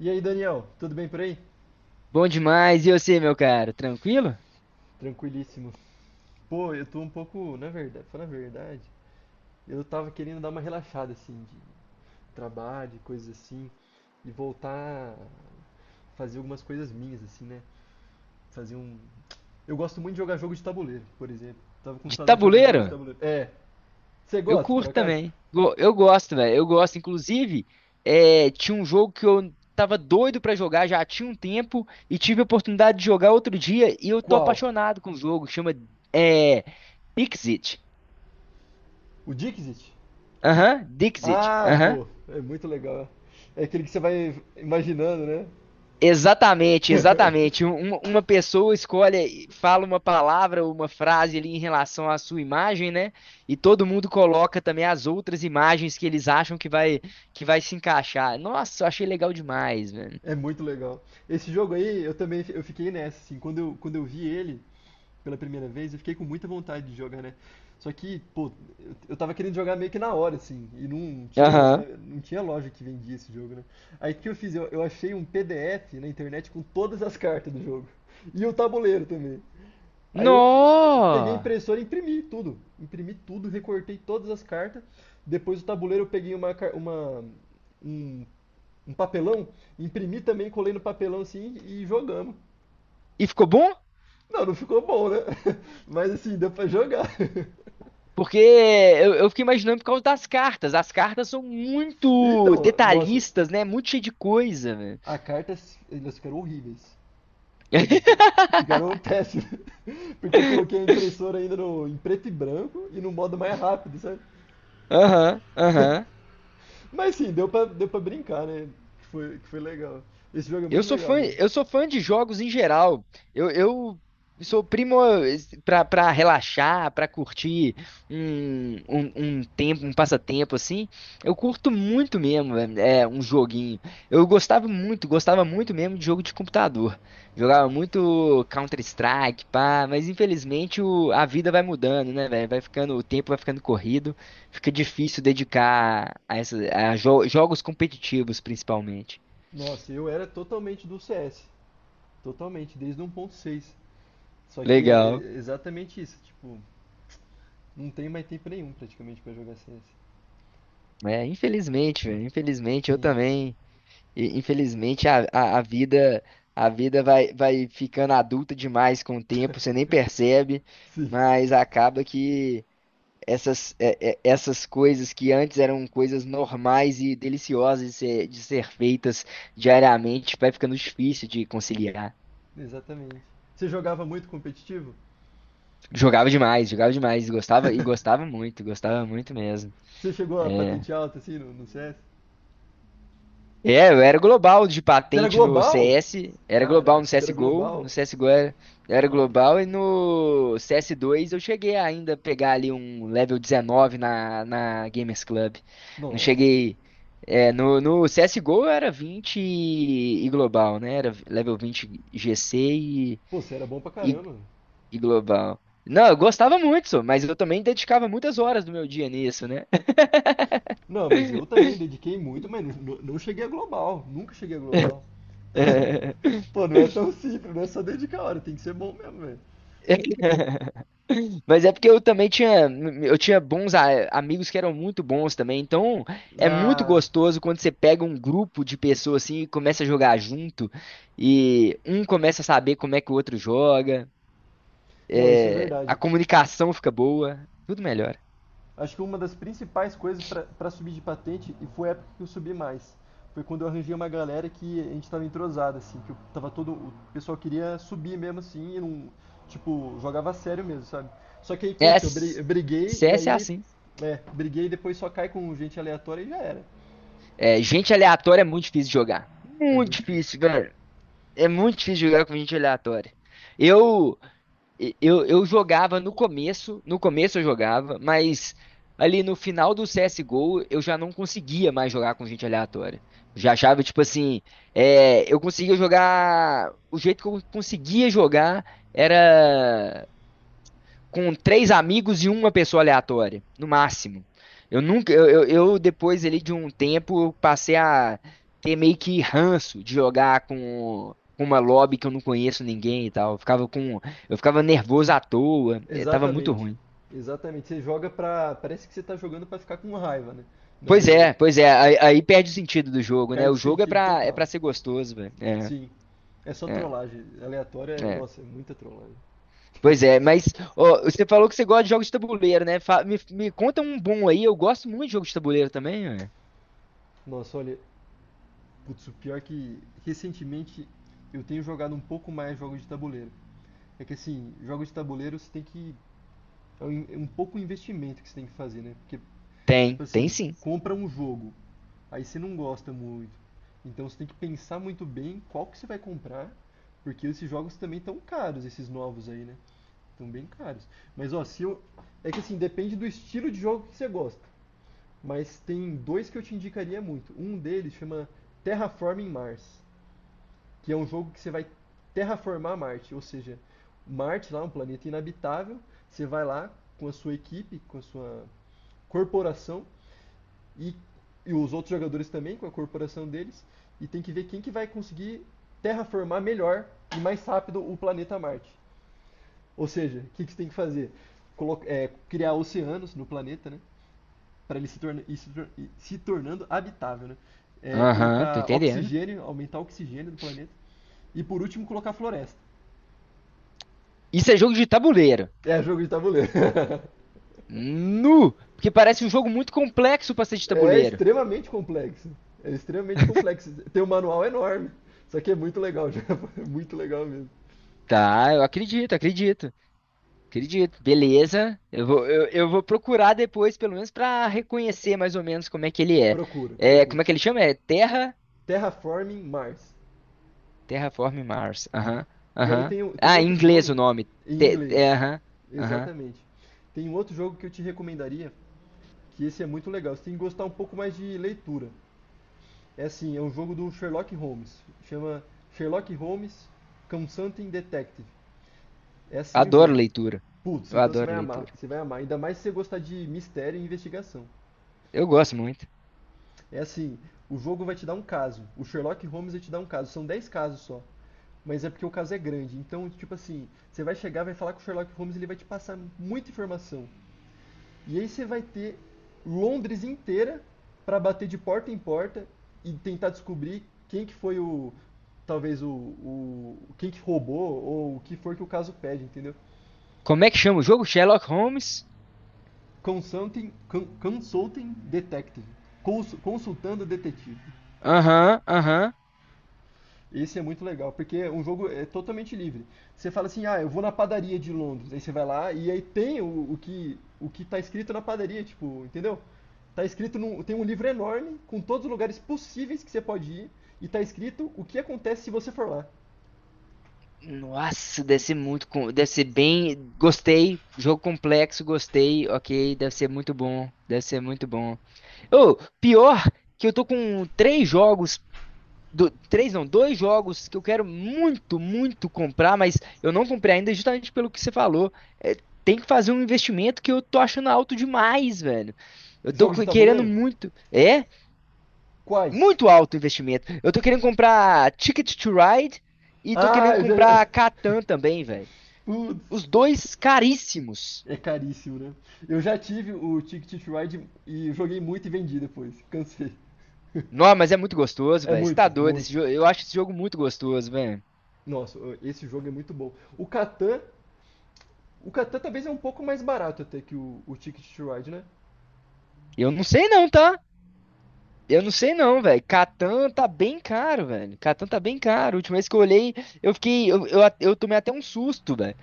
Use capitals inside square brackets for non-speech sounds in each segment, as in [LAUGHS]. E aí, Daniel, tudo bem por aí? Bom demais. E você, meu caro? Tranquilo? Tranquilíssimo. Pô, eu tô um pouco, na verdade, falando a verdade, eu tava querendo dar uma relaxada assim de trabalho, de coisas assim, e voltar a fazer algumas coisas minhas assim, né? Fazer um. Eu gosto muito de jogar jogo de tabuleiro, por exemplo. Tava com De saudade de jogar jogo tabuleiro? de tabuleiro. É. Você Eu gosta, por curto acaso? também. Eu gosto, velho. Eu gosto. Inclusive, tinha um jogo que eu tava doido pra jogar já tinha um tempo e tive a oportunidade de jogar outro dia e eu tô Qual? apaixonado com o jogo. Chama é, Dixit. O Dixit? Aham, Dixit. Ah, pô, é muito legal. É aquele que você vai imaginando, né? Exatamente, [LAUGHS] exatamente. Uma pessoa escolhe, e fala uma palavra ou uma frase ali em relação à sua imagem, né? E todo mundo coloca também as outras imagens que eles acham que vai se encaixar. Nossa, eu achei legal demais, velho. É muito legal. Esse jogo aí, eu também eu fiquei nessa, assim, quando eu vi ele pela primeira vez, eu fiquei com muita vontade de jogar, né? Só que, pô, eu tava querendo jogar meio que na hora, assim, e não tinha loja, Aham. não tinha loja que vendia esse jogo, né? Aí o que eu fiz? Eu achei um PDF na internet com todas as cartas do jogo. E o tabuleiro também. Aí eu peguei a Nó! impressora e imprimi tudo. Imprimi tudo, recortei todas as cartas. Depois do tabuleiro eu peguei uma, car- uma, um um papelão, imprimi também, colei no papelão assim e jogamos. E ficou bom? Não, não ficou bom, né? [LAUGHS] Mas assim, deu pra jogar. [LAUGHS] Porque eu fiquei imaginando por causa das cartas. As cartas são muito Então, nossa, detalhistas, né? Muito cheio de coisa, velho. a carta, elas ficaram horríveis. Então, [LAUGHS] ficaram péssimas. [LAUGHS] Porque eu coloquei a impressora ainda no, em preto e branco e no modo mais rápido, sabe? Aham, aham. [LAUGHS] Mas sim, deu pra brincar, né? Que foi legal. Esse jogo é Eu muito sou legal fã, mesmo. eu sou fã de jogos em geral. Eu sou primo para relaxar, para curtir um, um, um tempo, um passatempo assim. Eu curto muito mesmo, velho, é um joguinho. Eu gostava muito mesmo de jogo de computador. Jogava muito Counter-Strike, pá, mas infelizmente a vida vai mudando, né, velho? Vai ficando, o tempo vai ficando corrido, fica difícil dedicar a jogos competitivos, principalmente. Nossa, eu era totalmente do CS. Totalmente, desde 1.6. Só que é Legal. é exatamente isso, tipo, não tem mais tempo nenhum praticamente pra jogar CS. É, infelizmente, velho, infelizmente eu Sim, também. E, infelizmente a vida a vida vai ficando adulta demais com o tempo, você nem percebe, sim, mas acaba que essas coisas que antes eram coisas normais e deliciosas de de ser feitas diariamente, vai ficando difícil de conciliar. exatamente. Você jogava muito competitivo? Jogava demais, gostava e [LAUGHS] gostava muito mesmo. Você chegou a É, patente alta assim no CS? Eu era global de Você era patente no global? CS, era global no Caraca, você era CSGO, global? Eu era global Nossa, e no CS2 eu cheguei ainda a pegar ali um level 19 na, na Gamers Club. Não nossa. cheguei. No CSGO eu era 20 e global, né? Era level 20 GC Pô, você era bom pra e, caramba. e global. Não, eu gostava muito, só, mas eu também dedicava muitas horas do meu dia nisso, né? Não, mas eu também dediquei muito, mas não, não cheguei a global. Nunca cheguei a global. [LAUGHS] [LAUGHS] Pô, não é tão simples, não é só dedicar a hora, tem que ser bom mesmo, velho. Mas é porque eu também tinha, eu tinha bons amigos que eram muito bons também. Então, é muito Ah, gostoso quando você pega um grupo de pessoas assim e começa a jogar junto e um começa a saber como é que o outro joga. não, isso é É, verdade. a comunicação fica boa, tudo melhora. Acho que uma das principais coisas para subir de patente, e foi a época que eu subi mais, foi quando eu arranjei uma galera que a gente tava entrosado, assim, que eu tava todo. O pessoal queria subir mesmo assim, e não. Tipo, jogava a sério mesmo, sabe? Só que aí o que É, aconteceu, C eu briguei e s- É aí. assim. É, briguei e depois só cai com gente aleatória e já era. É, gente aleatória é muito difícil de jogar. É Muito muito difícil. difícil, velho. É muito difícil jogar com gente aleatória. Eu eu jogava no começo, no começo eu jogava, mas ali no final do CSGO eu já não conseguia mais jogar com gente aleatória. Já achava, tipo assim, eu conseguia jogar. O jeito que eu conseguia jogar era com três amigos e uma pessoa aleatória, no máximo. Eu nunca, eu, Depois ali de um tempo, eu passei a ter meio que ranço de jogar com uma lobby que eu não conheço ninguém e tal. Eu ficava nervoso à toa, tava muito Exatamente. ruim. Exatamente. Você joga pra. Parece que você tá jogando pra ficar com raiva, né? Na verdade. Pois é, aí perde o sentido do jogo, né? O Perde o jogo sentido é total. pra ser gostoso, velho. Sim. É só é, trollagem. Aleatória, é. nossa, é muita trollagem. Pois é, mas ó, você falou que você gosta de jogos de tabuleiro, né? Me conta um bom aí, eu gosto muito de jogos de tabuleiro também, velho. Nossa, olha, putz, o pior é que recentemente eu tenho jogado um pouco mais jogos de tabuleiro. É que assim, jogos de tabuleiro você tem que. É um pouco o investimento que você tem que fazer, né? Porque, Tem, tipo tem assim, sim. compra um jogo, aí você não gosta muito. Então você tem que pensar muito bem qual que você vai comprar, porque esses jogos também estão caros, esses novos aí, né? Estão bem caros. Mas ó, se eu. É que assim, depende do estilo de jogo que você gosta. Mas tem dois que eu te indicaria muito. Um deles chama Terraforming Mars, que é um jogo que você vai terraformar Marte, ou seja, Marte lá, é um planeta inabitável, você vai lá com a sua equipe, com a sua corporação e, e os outros jogadores também, com a corporação deles, e tem que ver quem que vai conseguir terraformar melhor e mais rápido o planeta Marte. Ou seja, o que, que você tem que fazer? Criar oceanos no planeta, né? Para ele se, torna, e se tornando habitável, né? É, Aham, tô colocar entendendo. oxigênio, aumentar o oxigênio do planeta e por último colocar floresta. Isso é jogo de tabuleiro. É jogo de tabuleiro. [LAUGHS] Nu! Porque parece um jogo muito complexo pra ser de É tabuleiro. extremamente complexo. É extremamente complexo. Tem um manual enorme. Só que é muito legal, [LAUGHS] já. É muito legal mesmo. Tá, eu acredito, acredito. Acredito. Beleza. Eu vou procurar depois, pelo menos, pra reconhecer mais ou menos como é que ele é. Procura, É, procura. como é que ele chama? É Terra? Terraforming Mars. Terraform Mars. Aham, E aí aham. tem, tem um Ah, em outro inglês jogo o nome. em inglês. Aham, aham. Exatamente. Tem um outro jogo que eu te recomendaria, que esse é muito legal. Você tem que gostar um pouco mais de leitura. É assim, é um jogo do Sherlock Holmes. Chama Sherlock Holmes Consulting Detective. É assim o Adoro jogo. leitura. Putz, Eu então você adoro vai amar, leitura. você vai amar. Ainda mais se você gostar de mistério e investigação. Eu gosto muito. É assim, o jogo vai te dar um caso. O Sherlock Holmes vai te dar um caso. São 10 casos só. Mas é porque o caso é grande. Então, tipo assim, você vai chegar, vai falar com o Sherlock Holmes, e ele vai te passar muita informação. E aí você vai ter Londres inteira para bater de porta em porta e tentar descobrir quem que foi o talvez o quem que roubou ou o que for que o caso pede, entendeu? Como é que chama o jogo? Sherlock Holmes? Consulting detective, consultando detetive. Aham, aham. Esse é muito legal, porque é um jogo é totalmente livre. Você fala assim, ah, eu vou na padaria de Londres, aí você vai lá e aí tem o que tá escrito na padaria, tipo, entendeu? Tá escrito num, tem um livro enorme com todos os lugares possíveis que você pode ir e tá escrito o que acontece se você for lá. Nossa, deve ser deve ser bem, gostei, jogo complexo, gostei, ok, deve ser muito bom, deve ser muito bom. Ô, pior que eu tô com três não, dois jogos que eu quero muito, muito comprar, mas eu não comprei ainda justamente pelo que você falou. É, tem que fazer um investimento que eu tô achando alto demais, velho. Jogo de Querendo tabuleiro? muito, Quais? muito alto o investimento. Eu tô querendo comprar Ticket to Ride e tô Ah, querendo eu já. [LAUGHS] comprar Catan também, velho. Putz, Os dois caríssimos. é caríssimo, né? Eu já tive o Ticket to Ride e joguei muito e vendi depois, cansei. Não, mas é muito gostoso, É velho. Você tá muito, doido? Esse muito. jogo, eu acho esse jogo muito gostoso, velho. Nossa, esse jogo é muito bom. O Catan, o Catan talvez é um pouco mais barato até que o Ticket to Ride, né? Eu não sei não, tá? Eu não sei não, velho. Catan tá bem caro, velho. Catan tá bem caro. A última vez que eu olhei, eu fiquei. Eu tomei até um susto, velho.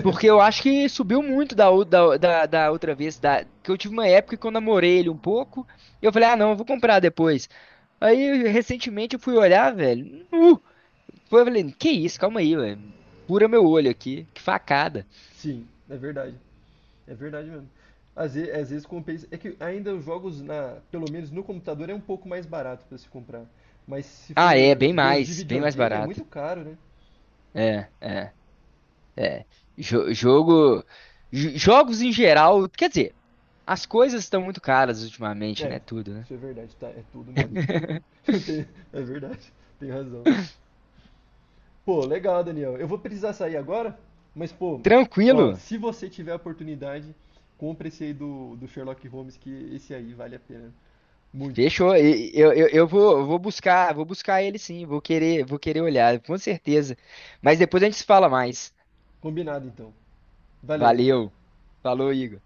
Porque eu acho que subiu muito da outra vez. Da, que eu tive uma época que eu namorei ele um pouco. E eu falei, ah, não, eu vou comprar depois. Aí, recentemente, eu fui olhar, velho. Foi, eu falei, que isso, calma aí, velho. Pura meu olho aqui. Que facada. Sim, é verdade. É verdade mesmo. Às vezes, compensa. É que ainda os jogos, na, pelo menos no computador, é um pouco mais barato para se comprar. Mas se Ah, é, for ver os de bem mais videogame, é barato. muito caro, né? É, é, é. Jogo, jogos em geral, quer dizer, as coisas estão muito caras ultimamente, É, né? Tudo, né? isso é verdade, tá? É tudo mesmo. [LAUGHS] [LAUGHS] Tem-. É verdade, tem razão. Pô, legal, Daniel. Eu vou precisar sair agora, mas, pô, ó, Tranquilo, se você tiver a oportunidade, compre esse aí do, do Sherlock Holmes, que esse aí vale a pena. Muito. fechou. Eu vou buscar ele sim, vou querer olhar, com certeza. Mas depois a gente se fala mais. Combinado, então. Valeu, Daniel. Valeu. Falou, Igor.